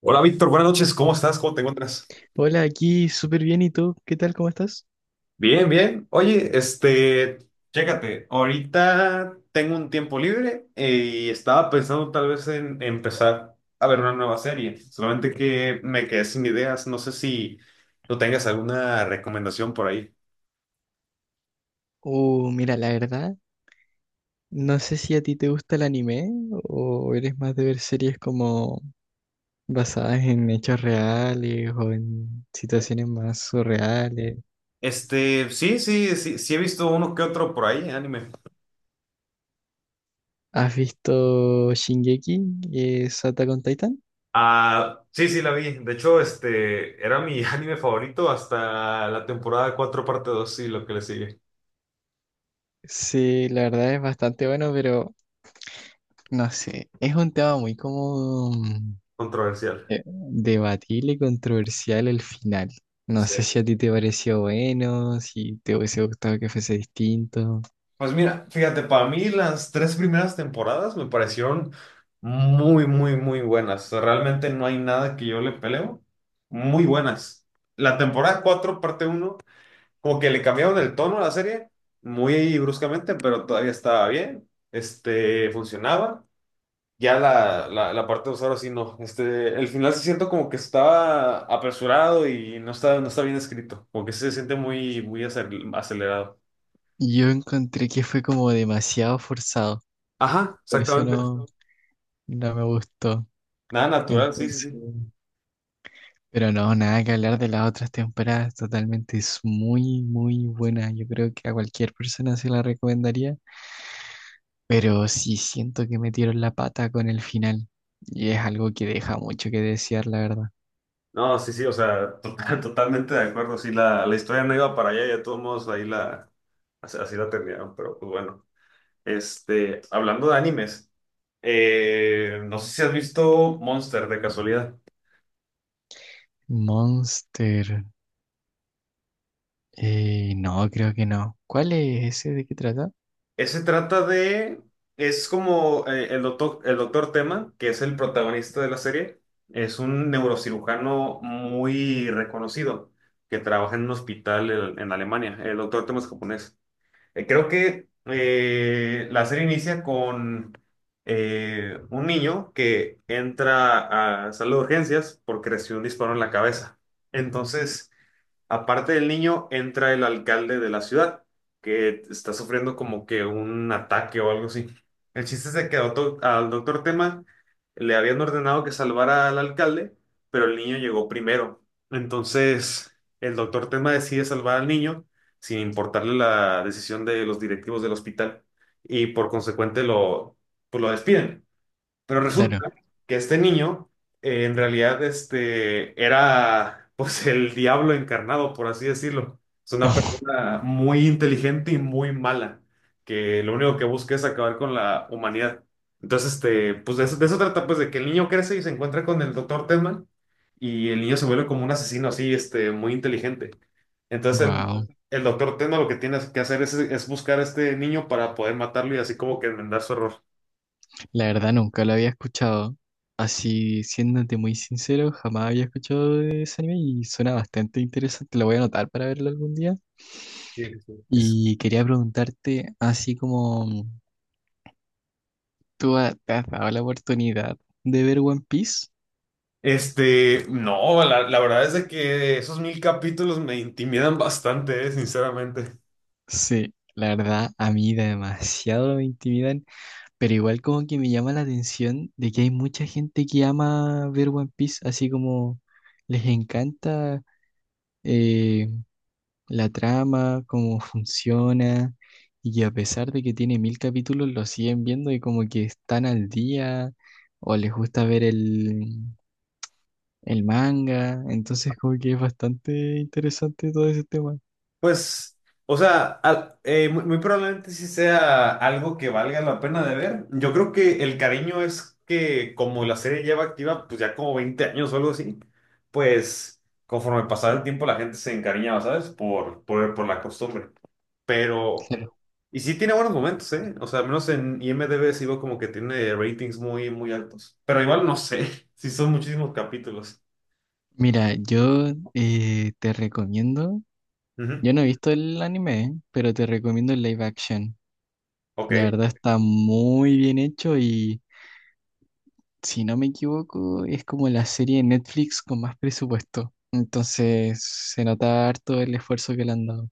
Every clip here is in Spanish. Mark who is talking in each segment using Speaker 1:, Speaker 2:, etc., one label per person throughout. Speaker 1: Hola Víctor, buenas noches, ¿cómo estás? ¿Cómo te encuentras?
Speaker 2: Hola, aquí súper bien. ¿Y tú? ¿Qué tal? ¿Cómo estás?
Speaker 1: Bien, bien. Oye, chécate, ahorita tengo un tiempo libre y estaba pensando tal vez en empezar a ver una nueva serie, solamente que me quedé sin ideas, no sé si tú tengas alguna recomendación por ahí.
Speaker 2: Mira, la verdad, no sé si a ti te gusta el anime o eres más de ver series como basadas en hechos reales o en situaciones más surreales.
Speaker 1: Sí, sí, sí, sí he visto uno que otro por ahí, anime.
Speaker 2: ¿Has visto Shingeki y Attack on Titan?
Speaker 1: Ah, sí, sí, la vi. De hecho, era mi anime favorito hasta la temporada 4 parte dos, sí, lo que le sigue.
Speaker 2: Sí, la verdad es bastante bueno, pero no sé, es un tema muy como
Speaker 1: Controversial.
Speaker 2: Debatible y controversial el final. No sé
Speaker 1: Sí.
Speaker 2: si a ti te pareció bueno, si te hubiese gustado que fuese distinto.
Speaker 1: Pues mira, fíjate, para mí las tres primeras temporadas me parecieron muy, muy, muy buenas. O sea, realmente no hay nada que yo le peleo. Muy buenas. La temporada 4 parte uno como que le cambiaron el tono a la serie muy bruscamente, pero todavía estaba bien. Funcionaba. Ya la parte 2 ahora sí no. El final se siente como que estaba apresurado y no está, no está bien escrito. Como que se siente muy, muy acelerado.
Speaker 2: Yo encontré que fue como demasiado forzado,
Speaker 1: Ajá,
Speaker 2: por eso
Speaker 1: exactamente.
Speaker 2: no me gustó.
Speaker 1: Nada natural, sí, sí,
Speaker 2: Entonces,
Speaker 1: sí.
Speaker 2: pero no, nada que hablar de las otras temporadas, totalmente es muy, muy buena. Yo creo que a cualquier persona se la recomendaría, pero sí siento que metieron la pata con el final y es algo que deja mucho que desear, la verdad.
Speaker 1: No, sí, sí, o sea, totalmente de acuerdo. Sí, la historia no iba para allá, ya de todos modos ahí la, así la terminaron, pero pues bueno. Hablando de animes, no sé si has visto Monster de casualidad.
Speaker 2: Monster. No, creo que no. ¿Cuál es ese? ¿De qué trata?
Speaker 1: Ese trata de, es como el doctor Tema, que es el protagonista de la serie, es un neurocirujano muy reconocido que trabaja en un hospital en Alemania. El doctor Tema es japonés. Creo que la serie inicia con un niño que entra a sala de urgencias porque recibió un disparo en la cabeza. Entonces, aparte del niño, entra el alcalde de la ciudad, que está sufriendo como que un ataque o algo así. El chiste es de que al doctor Tema le habían ordenado que salvara al alcalde, pero el niño llegó primero. Entonces, el doctor Tema decide salvar al niño sin importarle la decisión de los directivos del hospital y por consecuente pues lo despiden. Pero
Speaker 2: Claro.
Speaker 1: resulta que este niño, en realidad, era, pues, el diablo encarnado, por así decirlo. Es una persona muy inteligente y muy mala, que lo único que busca es acabar con la humanidad. Entonces, pues, de eso trata, pues, de que el niño crece y se encuentra con el doctor Tedman, y el niño se vuelve como un asesino así, muy inteligente. Entonces, el,
Speaker 2: Wow.
Speaker 1: el doctor Tedman lo que tiene que hacer es buscar a este niño para poder matarlo y así como que enmendar su error.
Speaker 2: La verdad nunca lo había escuchado. Así, siéndote muy sincero, jamás había escuchado de ese anime y suena bastante interesante. Lo voy a anotar para verlo algún día.
Speaker 1: Sí, sí, sí.
Speaker 2: Y quería preguntarte, así como te has dado la oportunidad de ver One Piece.
Speaker 1: No, la verdad es de que esos mil capítulos me intimidan bastante, sinceramente.
Speaker 2: Sí, la verdad, a mí demasiado me intimidan. Pero igual como que me llama la atención de que hay mucha gente que ama ver One Piece, así como les encanta eh, la trama, cómo funciona, y que a pesar de que tiene mil capítulos, lo siguen viendo y como que están al día, o les gusta ver el manga, entonces como que es bastante interesante todo ese tema.
Speaker 1: Pues, o sea, muy, muy probablemente sí sea algo que valga la pena de ver. Yo creo que el cariño es que como la serie lleva activa, pues ya como 20 años o algo así, pues conforme pasaba el tiempo la gente se encariñaba, ¿sabes? Por la costumbre. Pero.
Speaker 2: Claro.
Speaker 1: Y sí tiene buenos momentos, ¿eh? O sea, al menos en IMDb sí veo como que tiene ratings muy, muy altos. Pero igual no sé, sí son muchísimos capítulos.
Speaker 2: Mira, yo te recomiendo,
Speaker 1: Ujú.
Speaker 2: yo no he visto el anime, pero te recomiendo el live action.
Speaker 1: Ok.
Speaker 2: La verdad está muy bien hecho y, si no me equivoco, es como la serie de Netflix con más presupuesto. Entonces se nota harto el esfuerzo que le han dado.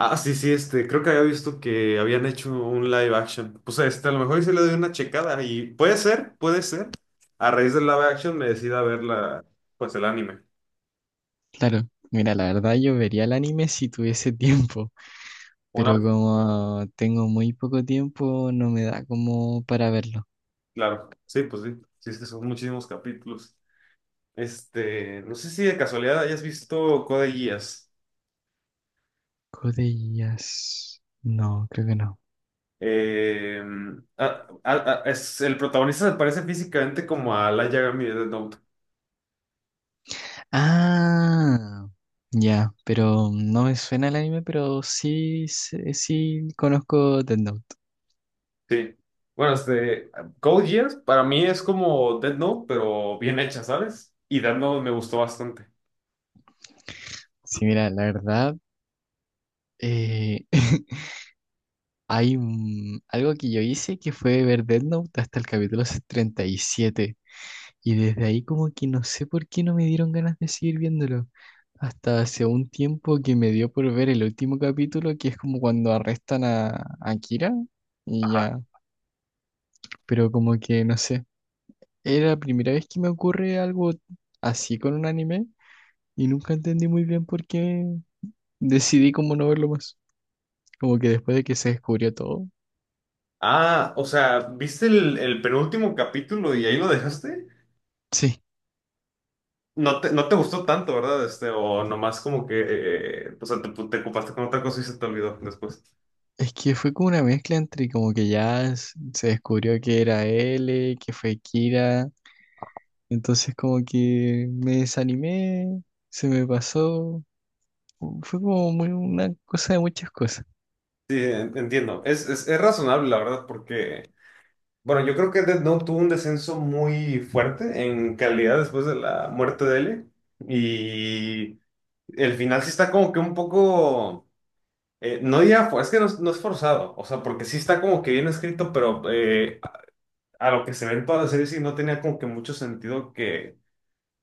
Speaker 1: Ah, sí, sí, creo que había visto que habían hecho un live action. Pues a lo mejor sí le doy una checada y puede ser, puede ser. A raíz del live action me decida ver pues el anime.
Speaker 2: Claro, mira, la verdad yo vería el anime si tuviese tiempo,
Speaker 1: Una
Speaker 2: pero
Speaker 1: vez,
Speaker 2: como tengo muy poco tiempo, no me da como para verlo.
Speaker 1: claro. Sí, pues sí. Sí, es que son muchísimos capítulos. No sé si de casualidad hayas visto Code Geass.
Speaker 2: Code Geass. No, creo que no.
Speaker 1: Eh, el protagonista se parece físicamente como a Light Yagami de Death Note.
Speaker 2: Ah, ya, pero no me suena el anime, pero sí, sí, sí conozco Death Note.
Speaker 1: Sí. Bueno, Code Geass para mí es como Death Note, pero bien hecha, ¿sabes? Y Death Note me gustó bastante.
Speaker 2: Sí, mira, la verdad, eh, algo que yo hice que fue ver Death Note hasta el capítulo 37. Y siete. Y desde ahí como que no sé por qué no me dieron ganas de seguir viéndolo. Hasta hace un tiempo que me dio por ver el último capítulo, que es como cuando arrestan a Kira. Y ya, pero como que no sé. Era la primera vez que me ocurre algo así con un anime y nunca entendí muy bien por qué decidí como no verlo más. Como que después de que se descubrió todo.
Speaker 1: Ah, o sea, ¿viste el penúltimo capítulo y ahí lo dejaste?
Speaker 2: Sí,
Speaker 1: No te, no te gustó tanto, ¿verdad? O nomás como que, o sea, te ocupaste con otra cosa y se te olvidó después.
Speaker 2: es que fue como una mezcla entre como que ya se descubrió que era L, que fue Kira, entonces como que me desanimé, se me pasó, fue como muy una cosa de muchas cosas.
Speaker 1: Sí, entiendo. Es razonable, la verdad, porque Bueno, yo creo que Death Note tuvo un descenso muy fuerte en calidad después de la muerte de L. Y el final sí está como que un poco. No diría, es que no, es no es forzado. O sea, porque sí está como que bien escrito, pero a lo que se ve en toda la serie sí no tenía como que mucho sentido que,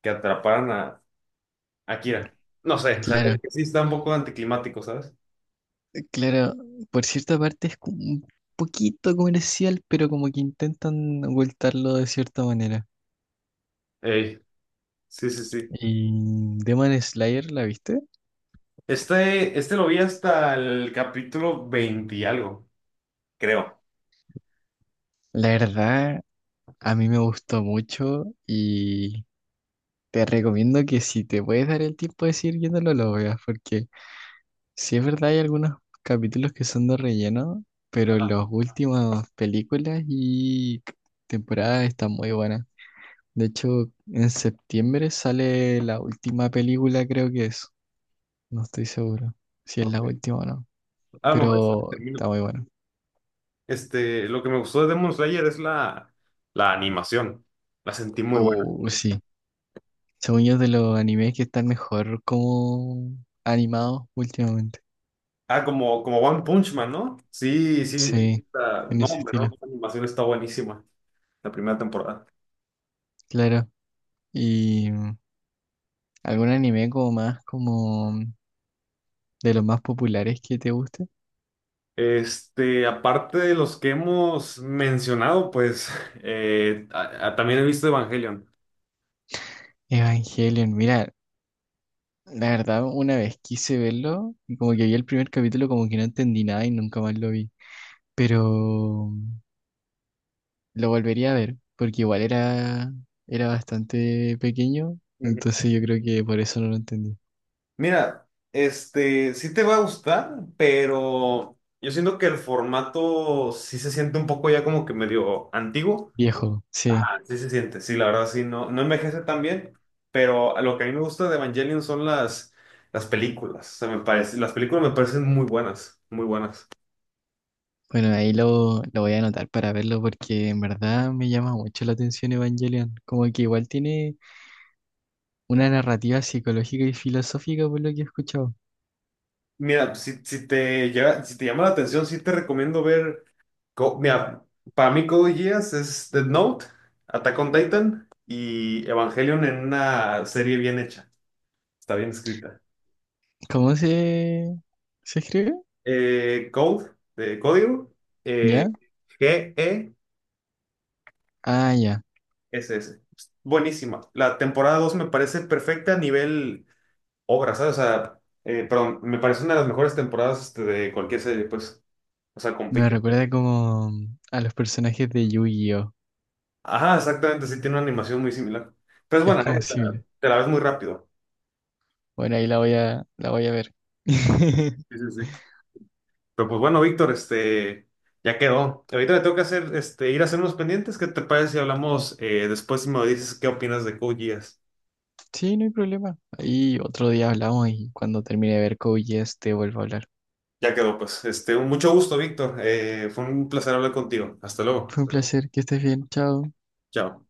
Speaker 1: atraparan a, Kira. No sé, o sea, como
Speaker 2: Claro,
Speaker 1: que sí está un poco anticlimático, ¿sabes?
Speaker 2: claro, por cierta parte es como un poquito comercial, pero como que intentan ocultarlo de cierta manera.
Speaker 1: Ey, sí, sí, sí.
Speaker 2: Y Demon Slayer, ¿la viste?
Speaker 1: Este lo vi hasta el capítulo 20 y algo, creo.
Speaker 2: La verdad, a mí me gustó mucho y te recomiendo que si te puedes dar el tiempo de seguir viéndolo, lo veas, porque si es verdad hay algunos capítulos que son de relleno, pero
Speaker 1: Ajá.
Speaker 2: las últimas películas y temporadas están muy buenas. De hecho, en septiembre sale la última película, creo que es. No estoy seguro si es la
Speaker 1: Ok.
Speaker 2: última o no,
Speaker 1: A lo mejor sí la
Speaker 2: pero
Speaker 1: termino.
Speaker 2: está muy bueno.
Speaker 1: Lo que me gustó de Demon Slayer es la animación. La sentí muy buena.
Speaker 2: Oh, sí. Según yo, es de los animes que están mejor como animados últimamente.
Speaker 1: Ah, como One Punch Man, ¿no? Sí, sí.
Speaker 2: Sí, en
Speaker 1: No,
Speaker 2: ese
Speaker 1: hombre,
Speaker 2: estilo.
Speaker 1: no. La animación está buenísima. La primera temporada.
Speaker 2: Claro. ¿Y algún anime como más, como de los más populares que te guste?
Speaker 1: Aparte de los que hemos mencionado, pues también he visto Evangelion.
Speaker 2: Evangelion, mira, la verdad una vez quise verlo y como que vi el primer capítulo como que no entendí nada y nunca más lo vi, pero mm, lo volvería a ver porque igual era, era bastante pequeño,
Speaker 1: Ujú.
Speaker 2: entonces yo creo que por eso no lo entendí.
Speaker 1: Mira, sí te va a gustar, pero yo siento que el formato sí se siente un poco ya como que medio antiguo.
Speaker 2: Viejo, sí.
Speaker 1: Sí se siente, sí, la verdad sí, no, no envejece tan bien, pero lo que a mí me gusta de Evangelion son las películas, o sea, las películas me parecen muy buenas, muy buenas.
Speaker 2: Bueno, ahí lo voy a anotar para verlo porque en verdad me llama mucho la atención Evangelion. Como que igual tiene una narrativa psicológica y filosófica, por lo que he escuchado.
Speaker 1: Mira, si, si te llama la atención, sí te recomiendo ver, mira, para mí Code Geass es Death Note, Attack on Titan y Evangelion en una serie bien hecha, está bien escrita.
Speaker 2: ¿Cómo se escribe?
Speaker 1: Code, de código. eh,
Speaker 2: ¿Ya? Ah, ya.
Speaker 1: Ese, ese. Buenísima. La temporada 2 me parece perfecta a nivel obra, ¿sabes? O sea, perdón, me parece una de las mejores temporadas de cualquier serie, pues. O sea,
Speaker 2: Me
Speaker 1: compite.
Speaker 2: recuerda como a los personajes de Yu-Gi-Oh!
Speaker 1: Ajá, exactamente, sí, tiene una animación muy similar. Pero es
Speaker 2: Es
Speaker 1: buena, ¿eh?
Speaker 2: como similar.
Speaker 1: Te la ves muy rápido.
Speaker 2: Bueno, ahí la voy a ver.
Speaker 1: Sí, sí, sí. Pero pues bueno, Víctor, ya quedó. Ahorita le tengo que hacer, ir a hacer unos pendientes. ¿Qué te parece si hablamos después y me dices qué opinas de Code Geass?
Speaker 2: Sí, no hay problema. Ahí otro día hablamos y cuando termine de ver Code Geass te vuelvo a hablar.
Speaker 1: Ya quedó, pues. Mucho gusto, Víctor. Fue un placer hablar contigo. Hasta luego.
Speaker 2: Fue un placer, que estés bien, chao.
Speaker 1: Chao.